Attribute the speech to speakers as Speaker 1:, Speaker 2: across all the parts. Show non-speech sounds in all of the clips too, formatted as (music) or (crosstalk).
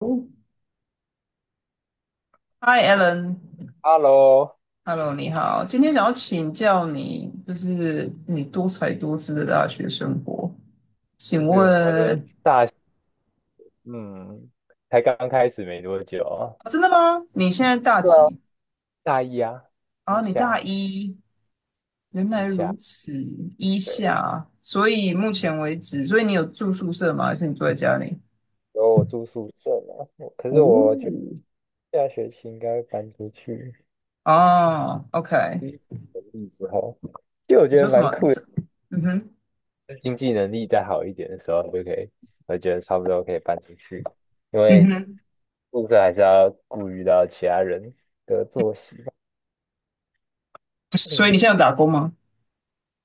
Speaker 1: Hi, Alan，Hello，
Speaker 2: Hello，
Speaker 1: 你好。今天想要请教你，就是你多才多姿的大学生活，请
Speaker 2: 就是我的
Speaker 1: 问，
Speaker 2: 大，嗯，才刚开始没多久啊。
Speaker 1: 啊真的吗？你现在大
Speaker 2: 对啊，
Speaker 1: 几？
Speaker 2: 大一啊，
Speaker 1: 啊，
Speaker 2: 一
Speaker 1: 你大
Speaker 2: 下
Speaker 1: 一，原
Speaker 2: 一
Speaker 1: 来
Speaker 2: 下，
Speaker 1: 如此，一
Speaker 2: 对，
Speaker 1: 下。所以目前为止，所以你有住宿舍吗？还是你住在家里？
Speaker 2: 然后我住宿舍嘛，可是我觉得
Speaker 1: 哦，
Speaker 2: 下学期应该会搬出去，
Speaker 1: 哦，OK。
Speaker 2: 经济能力之后。其实我觉
Speaker 1: 你
Speaker 2: 得
Speaker 1: 说什
Speaker 2: 蛮
Speaker 1: 么？
Speaker 2: 酷的，就
Speaker 1: 是
Speaker 2: 是
Speaker 1: 嗯哼，
Speaker 2: 经济能力再好一点的时候就可以，我觉得差不多可以搬出去，因
Speaker 1: 嗯
Speaker 2: 为
Speaker 1: 哼。
Speaker 2: 宿舍还是要顾虑到其他人的作息吧。
Speaker 1: 所以
Speaker 2: 嗯。
Speaker 1: 你现在有打工吗？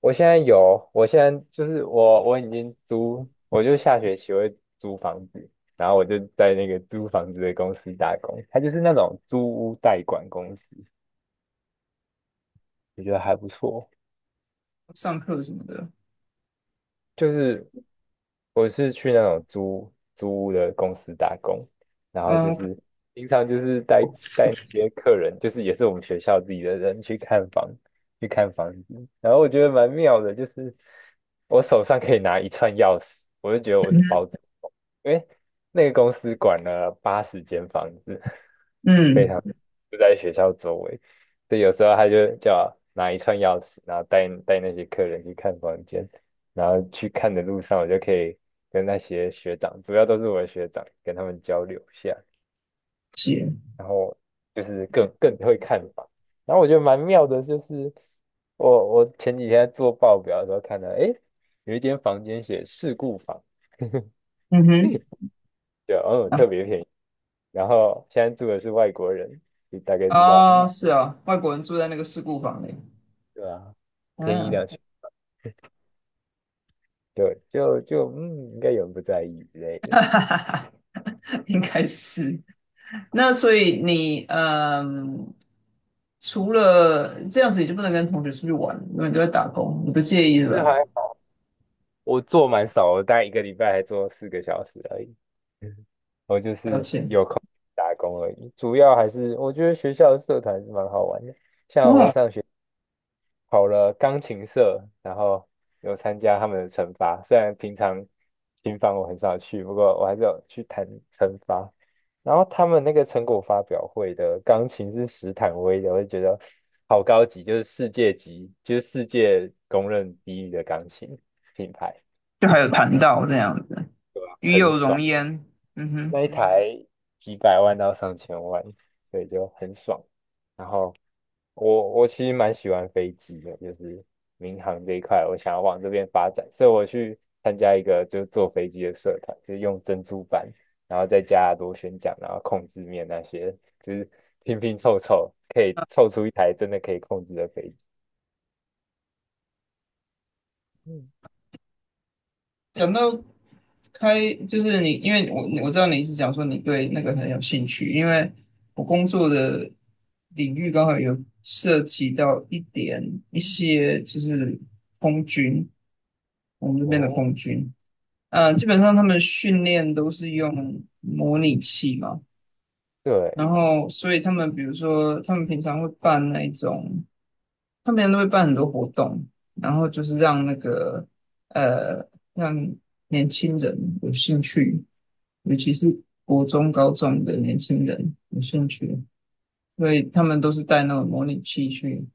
Speaker 2: 我现在有，我现在就是我已经租，我就下学期会租房子，然后我就在那个租房子的公司打工，它就是那种租屋代管公司，我觉得还不错。
Speaker 1: 上课什么的？
Speaker 2: 就是我是去那种租屋的公司打工，然后就
Speaker 1: 嗯，OK
Speaker 2: 是平常就是带那些客人，就是也是我们学校自己的人去看房，去看房子，然后我觉得蛮妙的，就是我手上可以拿一串钥匙，我就觉得我是包子。因为那个公司管了80间房子，非
Speaker 1: 嗯，
Speaker 2: 常
Speaker 1: 了
Speaker 2: 就在学校周围，所以有时候他就叫我拿一串钥匙，然后带那些客人去看房间，然后去看的路上，我就可以跟那些学长，主要都是我的学长，跟他们交流一下，
Speaker 1: 解。
Speaker 2: 然后就是更会看房。然后我觉得蛮妙的，就是我前几天在做报表的时候看到，诶，有一间房间写事故房。
Speaker 1: 嗯
Speaker 2: (laughs)
Speaker 1: 哼，
Speaker 2: 对，哦，
Speaker 1: 然后
Speaker 2: 特别便宜。然后现在住的是外国人，你大概知道，嗯。
Speaker 1: 哦，是啊，外国人住在那个事故房里，
Speaker 2: 对啊，便宜
Speaker 1: 嗯、
Speaker 2: 2000，对，就就嗯，应该有人不在意之类
Speaker 1: (laughs)
Speaker 2: 的。
Speaker 1: 哈哈哈，应该是。那所以你除了这样子，你就不能跟同学出去玩，因为你都在打工，你不介意是
Speaker 2: 这
Speaker 1: 吧？
Speaker 2: 还我做蛮少的，我大概一个礼拜还做4个小时而已。嗯我就
Speaker 1: 了
Speaker 2: 是
Speaker 1: 解，
Speaker 2: 打工而已，主要还是我觉得学校的社团是蛮好玩的。像我
Speaker 1: 哦，
Speaker 2: 上学。跑了钢琴社，然后有参加他们的惩罚。虽然平常琴房我很少去，不过我还是有去弹惩罚。然后他们那个成果发表会的钢琴是史坦威的，我就觉得好高级，就是世界级，就是世界公认第一的钢琴品牌。
Speaker 1: 就还有谈到这样子，与有容焉，嗯哼。
Speaker 2: 那一台几百万到上千万，所以就很爽。然后我其实蛮喜欢飞机的，就是民航这一块，我想要往这边发展，所以我去参加一个就是坐飞机的社团，就是用珍珠板，然后再加螺旋桨，然后控制面那些，就是拼拼凑凑，可以凑出一台真的可以控制的飞机。嗯
Speaker 1: 讲到开，就是你，因为我知道你是讲说你对那个很有兴趣，因为我工作的领域刚好有涉及到一点一些就是空军，我们这边的
Speaker 2: 哦，
Speaker 1: 空军，基本上他们训练都是用模拟器嘛，
Speaker 2: 对，
Speaker 1: 然后所以他们比如说他们平常会办那一种。他们都会办很多活动，然后就是让那个呃，让年轻人有兴趣，尤其是国中、高中的年轻人有兴趣，所以他们都是带那种模拟器去，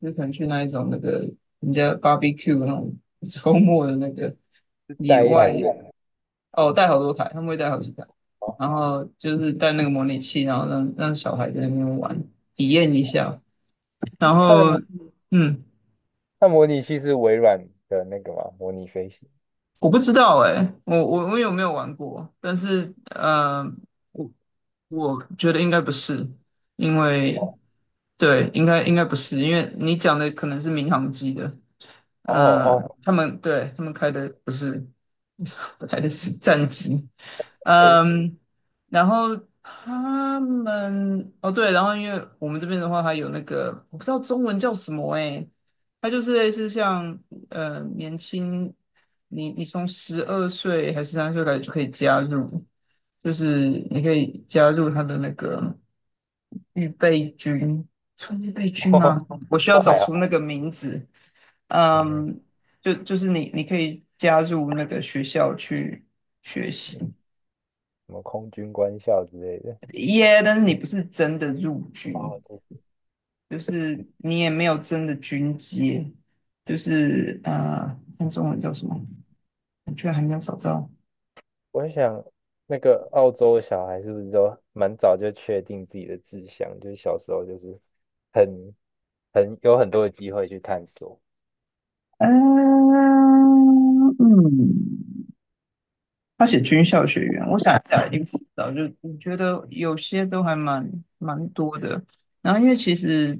Speaker 1: 就可能去那一种那个人家 barbecue 那种 (laughs) 周末的那个
Speaker 2: 是
Speaker 1: 野
Speaker 2: 带一台
Speaker 1: 外，
Speaker 2: 电脑
Speaker 1: 哦，
Speaker 2: 去。
Speaker 1: 带好多台，他们会带好几台，
Speaker 2: 哦
Speaker 1: 然后就是带那个模拟器，然后让小孩在那边玩，体验一下，然
Speaker 2: 它的
Speaker 1: 后
Speaker 2: 模
Speaker 1: 嗯。
Speaker 2: 它模拟器是微软的那个嘛，模拟飞行。
Speaker 1: 我不知道哎、我有没有玩过？但是我我觉得应该不是，因为对，应该不是，因为你讲的可能是民航机的，
Speaker 2: 哦哦
Speaker 1: 他们对他们开的不是，(laughs) 开的是战机，
Speaker 2: 哎、
Speaker 1: 嗯，然后他们哦对，然后因为我们这边的话，它有那个我不知道中文叫什么诶，它就是类似像年轻，你从12岁还是3岁开始就可以加入，就是你可以加入他的那个预备军，算预备
Speaker 2: (laughs)
Speaker 1: 军
Speaker 2: 哦，
Speaker 1: 吗？我需要
Speaker 2: 都
Speaker 1: 找
Speaker 2: 还好。
Speaker 1: 出那个名字。
Speaker 2: 你们
Speaker 1: 嗯，就是你可以加入那个学校去学
Speaker 2: 嗯
Speaker 1: 习。
Speaker 2: 什么空军官校之类的。
Speaker 1: 耶，但是你不是真的入军，
Speaker 2: 哦，对
Speaker 1: 就是你也没有真的军阶，就是看中文叫什么？我居然还没有找到。
Speaker 2: 我想，那个澳洲小孩是不是都蛮早就确定自己的志向？就是小时候就是很很有很多的机会去探索。
Speaker 1: 嗯嗯，他写军校学员，我想一下，一定不知道就我觉得有些都还蛮多的。然后因为其实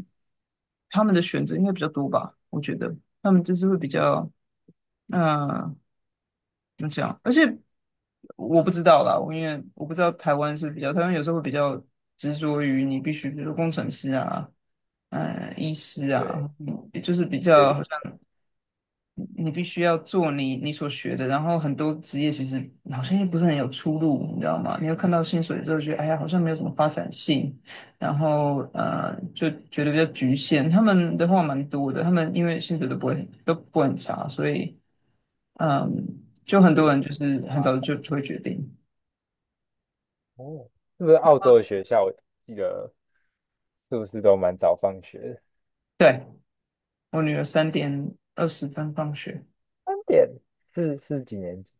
Speaker 1: 他们的选择应该比较多吧，我觉得他们就是会比较，嗯。那这样，而且我不知道啦，我因为我不知道台湾是比较，台湾有时候会比较执着于你必须，比如说工程师啊，医师
Speaker 2: 对，
Speaker 1: 啊，就是比
Speaker 2: 就
Speaker 1: 较
Speaker 2: 是
Speaker 1: 好像你必须要做你所学的，然后很多职业其实好像又不是很有出路，你知道吗？你又看到薪水之后觉得，哎呀，好像没有什么发展性，然后就觉得比较局限。他们的话蛮多的，他们因为薪水都不会很差，所以。嗯，就很
Speaker 2: 就
Speaker 1: 多
Speaker 2: 是
Speaker 1: 人就是很早就会决定。
Speaker 2: 哦，是不是澳洲的学校？我记得是不是都蛮早放学的
Speaker 1: 对，我女儿3:20放学，
Speaker 2: 3点是几年级？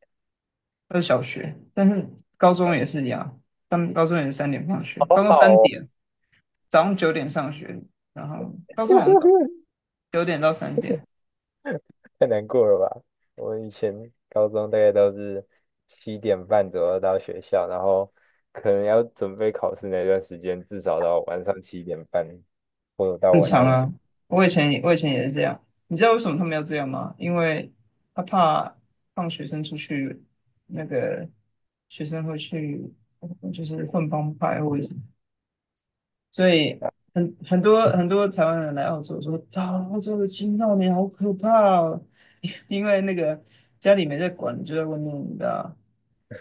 Speaker 1: 小学，但是高中也是一样，他们高中也是三点放学，
Speaker 2: 好
Speaker 1: 高中
Speaker 2: 好
Speaker 1: 三
Speaker 2: 哦。
Speaker 1: 点，早上九点上学，然后高中好像早
Speaker 2: (laughs)
Speaker 1: 9点到3点，
Speaker 2: 太难过了吧？我以前高中大概都是七点半左右到学校，然后可能要准备考试那段时间，至少到晚上七点半或者到
Speaker 1: 正
Speaker 2: 晚
Speaker 1: 常
Speaker 2: 上九，
Speaker 1: 啊。我以前也是这样，你知道为什么他们要这样吗？因为他怕放学生出去，那个学生会去就是混帮派或者是所以很多台湾人来澳洲说，啊，澳洲的青少年好可怕哦，(laughs) 因为那个家里没在管，就在外面，你知道，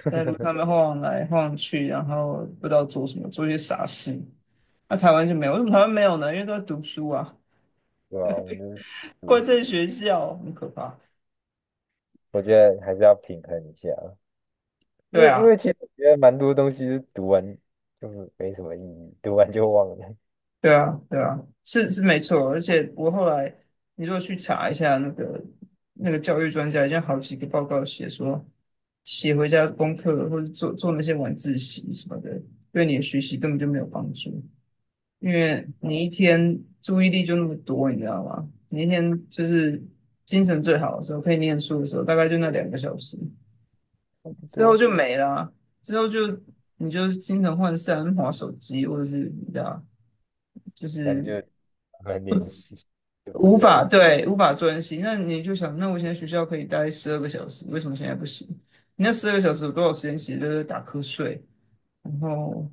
Speaker 1: 在路上面晃来晃去，然后不知道做什么，做一些傻事。那、台湾就没有，为什么台湾没有呢？因为都在读书啊，
Speaker 2: 对吧？我们就
Speaker 1: 关
Speaker 2: 是
Speaker 1: 在
Speaker 2: 读书。
Speaker 1: 学校，很可怕。
Speaker 2: 我觉得还是要平衡一下，因
Speaker 1: 对
Speaker 2: 为因
Speaker 1: 啊。
Speaker 2: 为其实我觉得蛮多东西是读完就是没什么意义，读完就忘了，
Speaker 1: 对啊，对啊，是是没错。而且我后来，你如果去查一下那个教育专家，已经好几个报告写说，写回家功课或者做那些晚自习什么的，对你的学习根本就没有帮助，因为你一天注意力就那么多，你知道吗？你一天就是精神最好的时候，可以念书的时候，大概就那2个小时，
Speaker 2: 差不
Speaker 1: 之后
Speaker 2: 多，
Speaker 1: 就没了啊之后就你就精神涣散，划手机或者是你知道。就
Speaker 2: 但就
Speaker 1: 是
Speaker 2: 慢慢练习，就不得已。(laughs)
Speaker 1: 无法专心。那你就想，那我现在学校可以待十二个小时，为什么现在不行？你那十二个小时有多少时间其实都是打瞌睡，然后。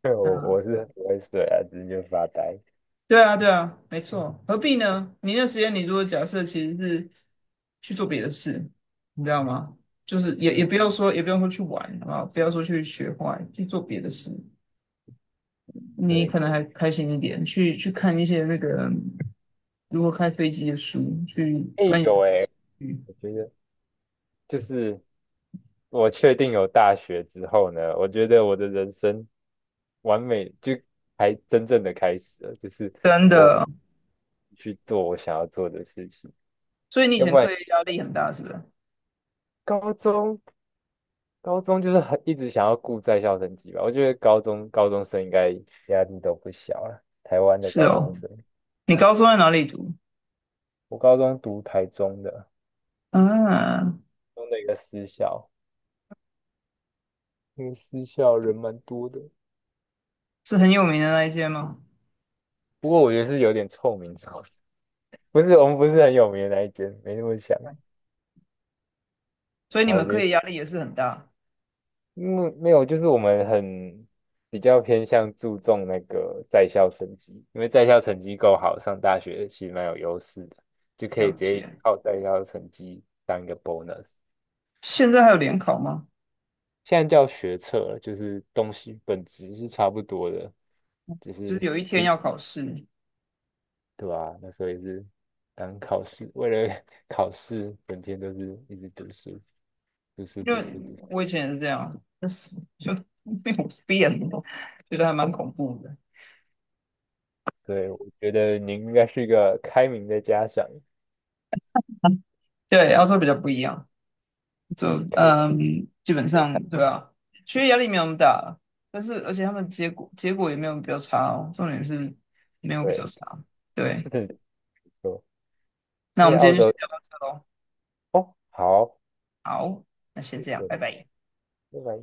Speaker 2: 对，我是不会睡啊，只是就发呆。
Speaker 1: 对啊，对啊，没错，何必呢？你那时间，你如果假设其实是去做别的事，你知道吗？就是也
Speaker 2: 嗯，
Speaker 1: 不要说，也不用说去玩，好不好？不要说去学坏，去做别的事，你
Speaker 2: 对。
Speaker 1: 可能还开心一点，去看一些那个如何开飞机的书，去
Speaker 2: 哎、
Speaker 1: 钻研。
Speaker 2: 有哎、我觉得就是我确定有大学之后呢，我觉得我的人生完美就才真正的开始了，就是
Speaker 1: 真
Speaker 2: 我
Speaker 1: 的，
Speaker 2: 去做我想要做的事情。
Speaker 1: 所以你以
Speaker 2: 要
Speaker 1: 前
Speaker 2: 不然
Speaker 1: 课业压力很大，是不是？
Speaker 2: 高中高中就是很一直想要顾在校成绩吧，我觉得高中生应该压力都不小了。台湾的
Speaker 1: 是
Speaker 2: 高中
Speaker 1: 哦，
Speaker 2: 生，
Speaker 1: 你高中在哪里读？
Speaker 2: 我高中读台中的，
Speaker 1: 嗯，
Speaker 2: 中的一个私校，那个私校人蛮多的，
Speaker 1: 是很有名的那一间吗？
Speaker 2: 不过我觉得是有点臭名昭著。不是我们不是很有名的那一间，没那么强。
Speaker 1: 所以你
Speaker 2: 好我
Speaker 1: 们课
Speaker 2: 觉得，
Speaker 1: 业压力也是很大，
Speaker 2: 嗯，没有，就是我们很比较偏向注重那个在校成绩，因为在校成绩够好，上大学其实蛮有优势的，就可
Speaker 1: 了
Speaker 2: 以直接
Speaker 1: 解。
Speaker 2: 靠在校成绩当一个 bonus。
Speaker 1: 现在还有联考吗？
Speaker 2: 现在叫学测了，就是东西本质是差不多的，只
Speaker 1: 就
Speaker 2: 是
Speaker 1: 是有一天
Speaker 2: 一，
Speaker 1: 要考试，
Speaker 2: 对吧、那时候也是当考试，为了 (laughs) 考试，整天都是一直读书，读书，
Speaker 1: 因
Speaker 2: 读
Speaker 1: 为
Speaker 2: 书，读书。
Speaker 1: 我以前也是这样，就是 (laughs) 就没有变，觉得还蛮恐怖的。
Speaker 2: 对，我觉得您应该是一个开明的家长，
Speaker 1: 对，要说比较不一样。就
Speaker 2: 可以让
Speaker 1: 嗯，基本
Speaker 2: 学餐
Speaker 1: 上对啊，学业压力没有那么大，但是而且他们结果也没有比较差哦，重点是没有比较
Speaker 2: 对，
Speaker 1: 差。
Speaker 2: (laughs) 是
Speaker 1: 对，
Speaker 2: 的，没错。
Speaker 1: 那
Speaker 2: 而
Speaker 1: 我
Speaker 2: 且
Speaker 1: 们今
Speaker 2: 澳
Speaker 1: 天就
Speaker 2: 洲
Speaker 1: 先聊到这喽，
Speaker 2: 哦，好，
Speaker 1: 好，那先这样，
Speaker 2: 对，
Speaker 1: 拜拜。
Speaker 2: 拜拜。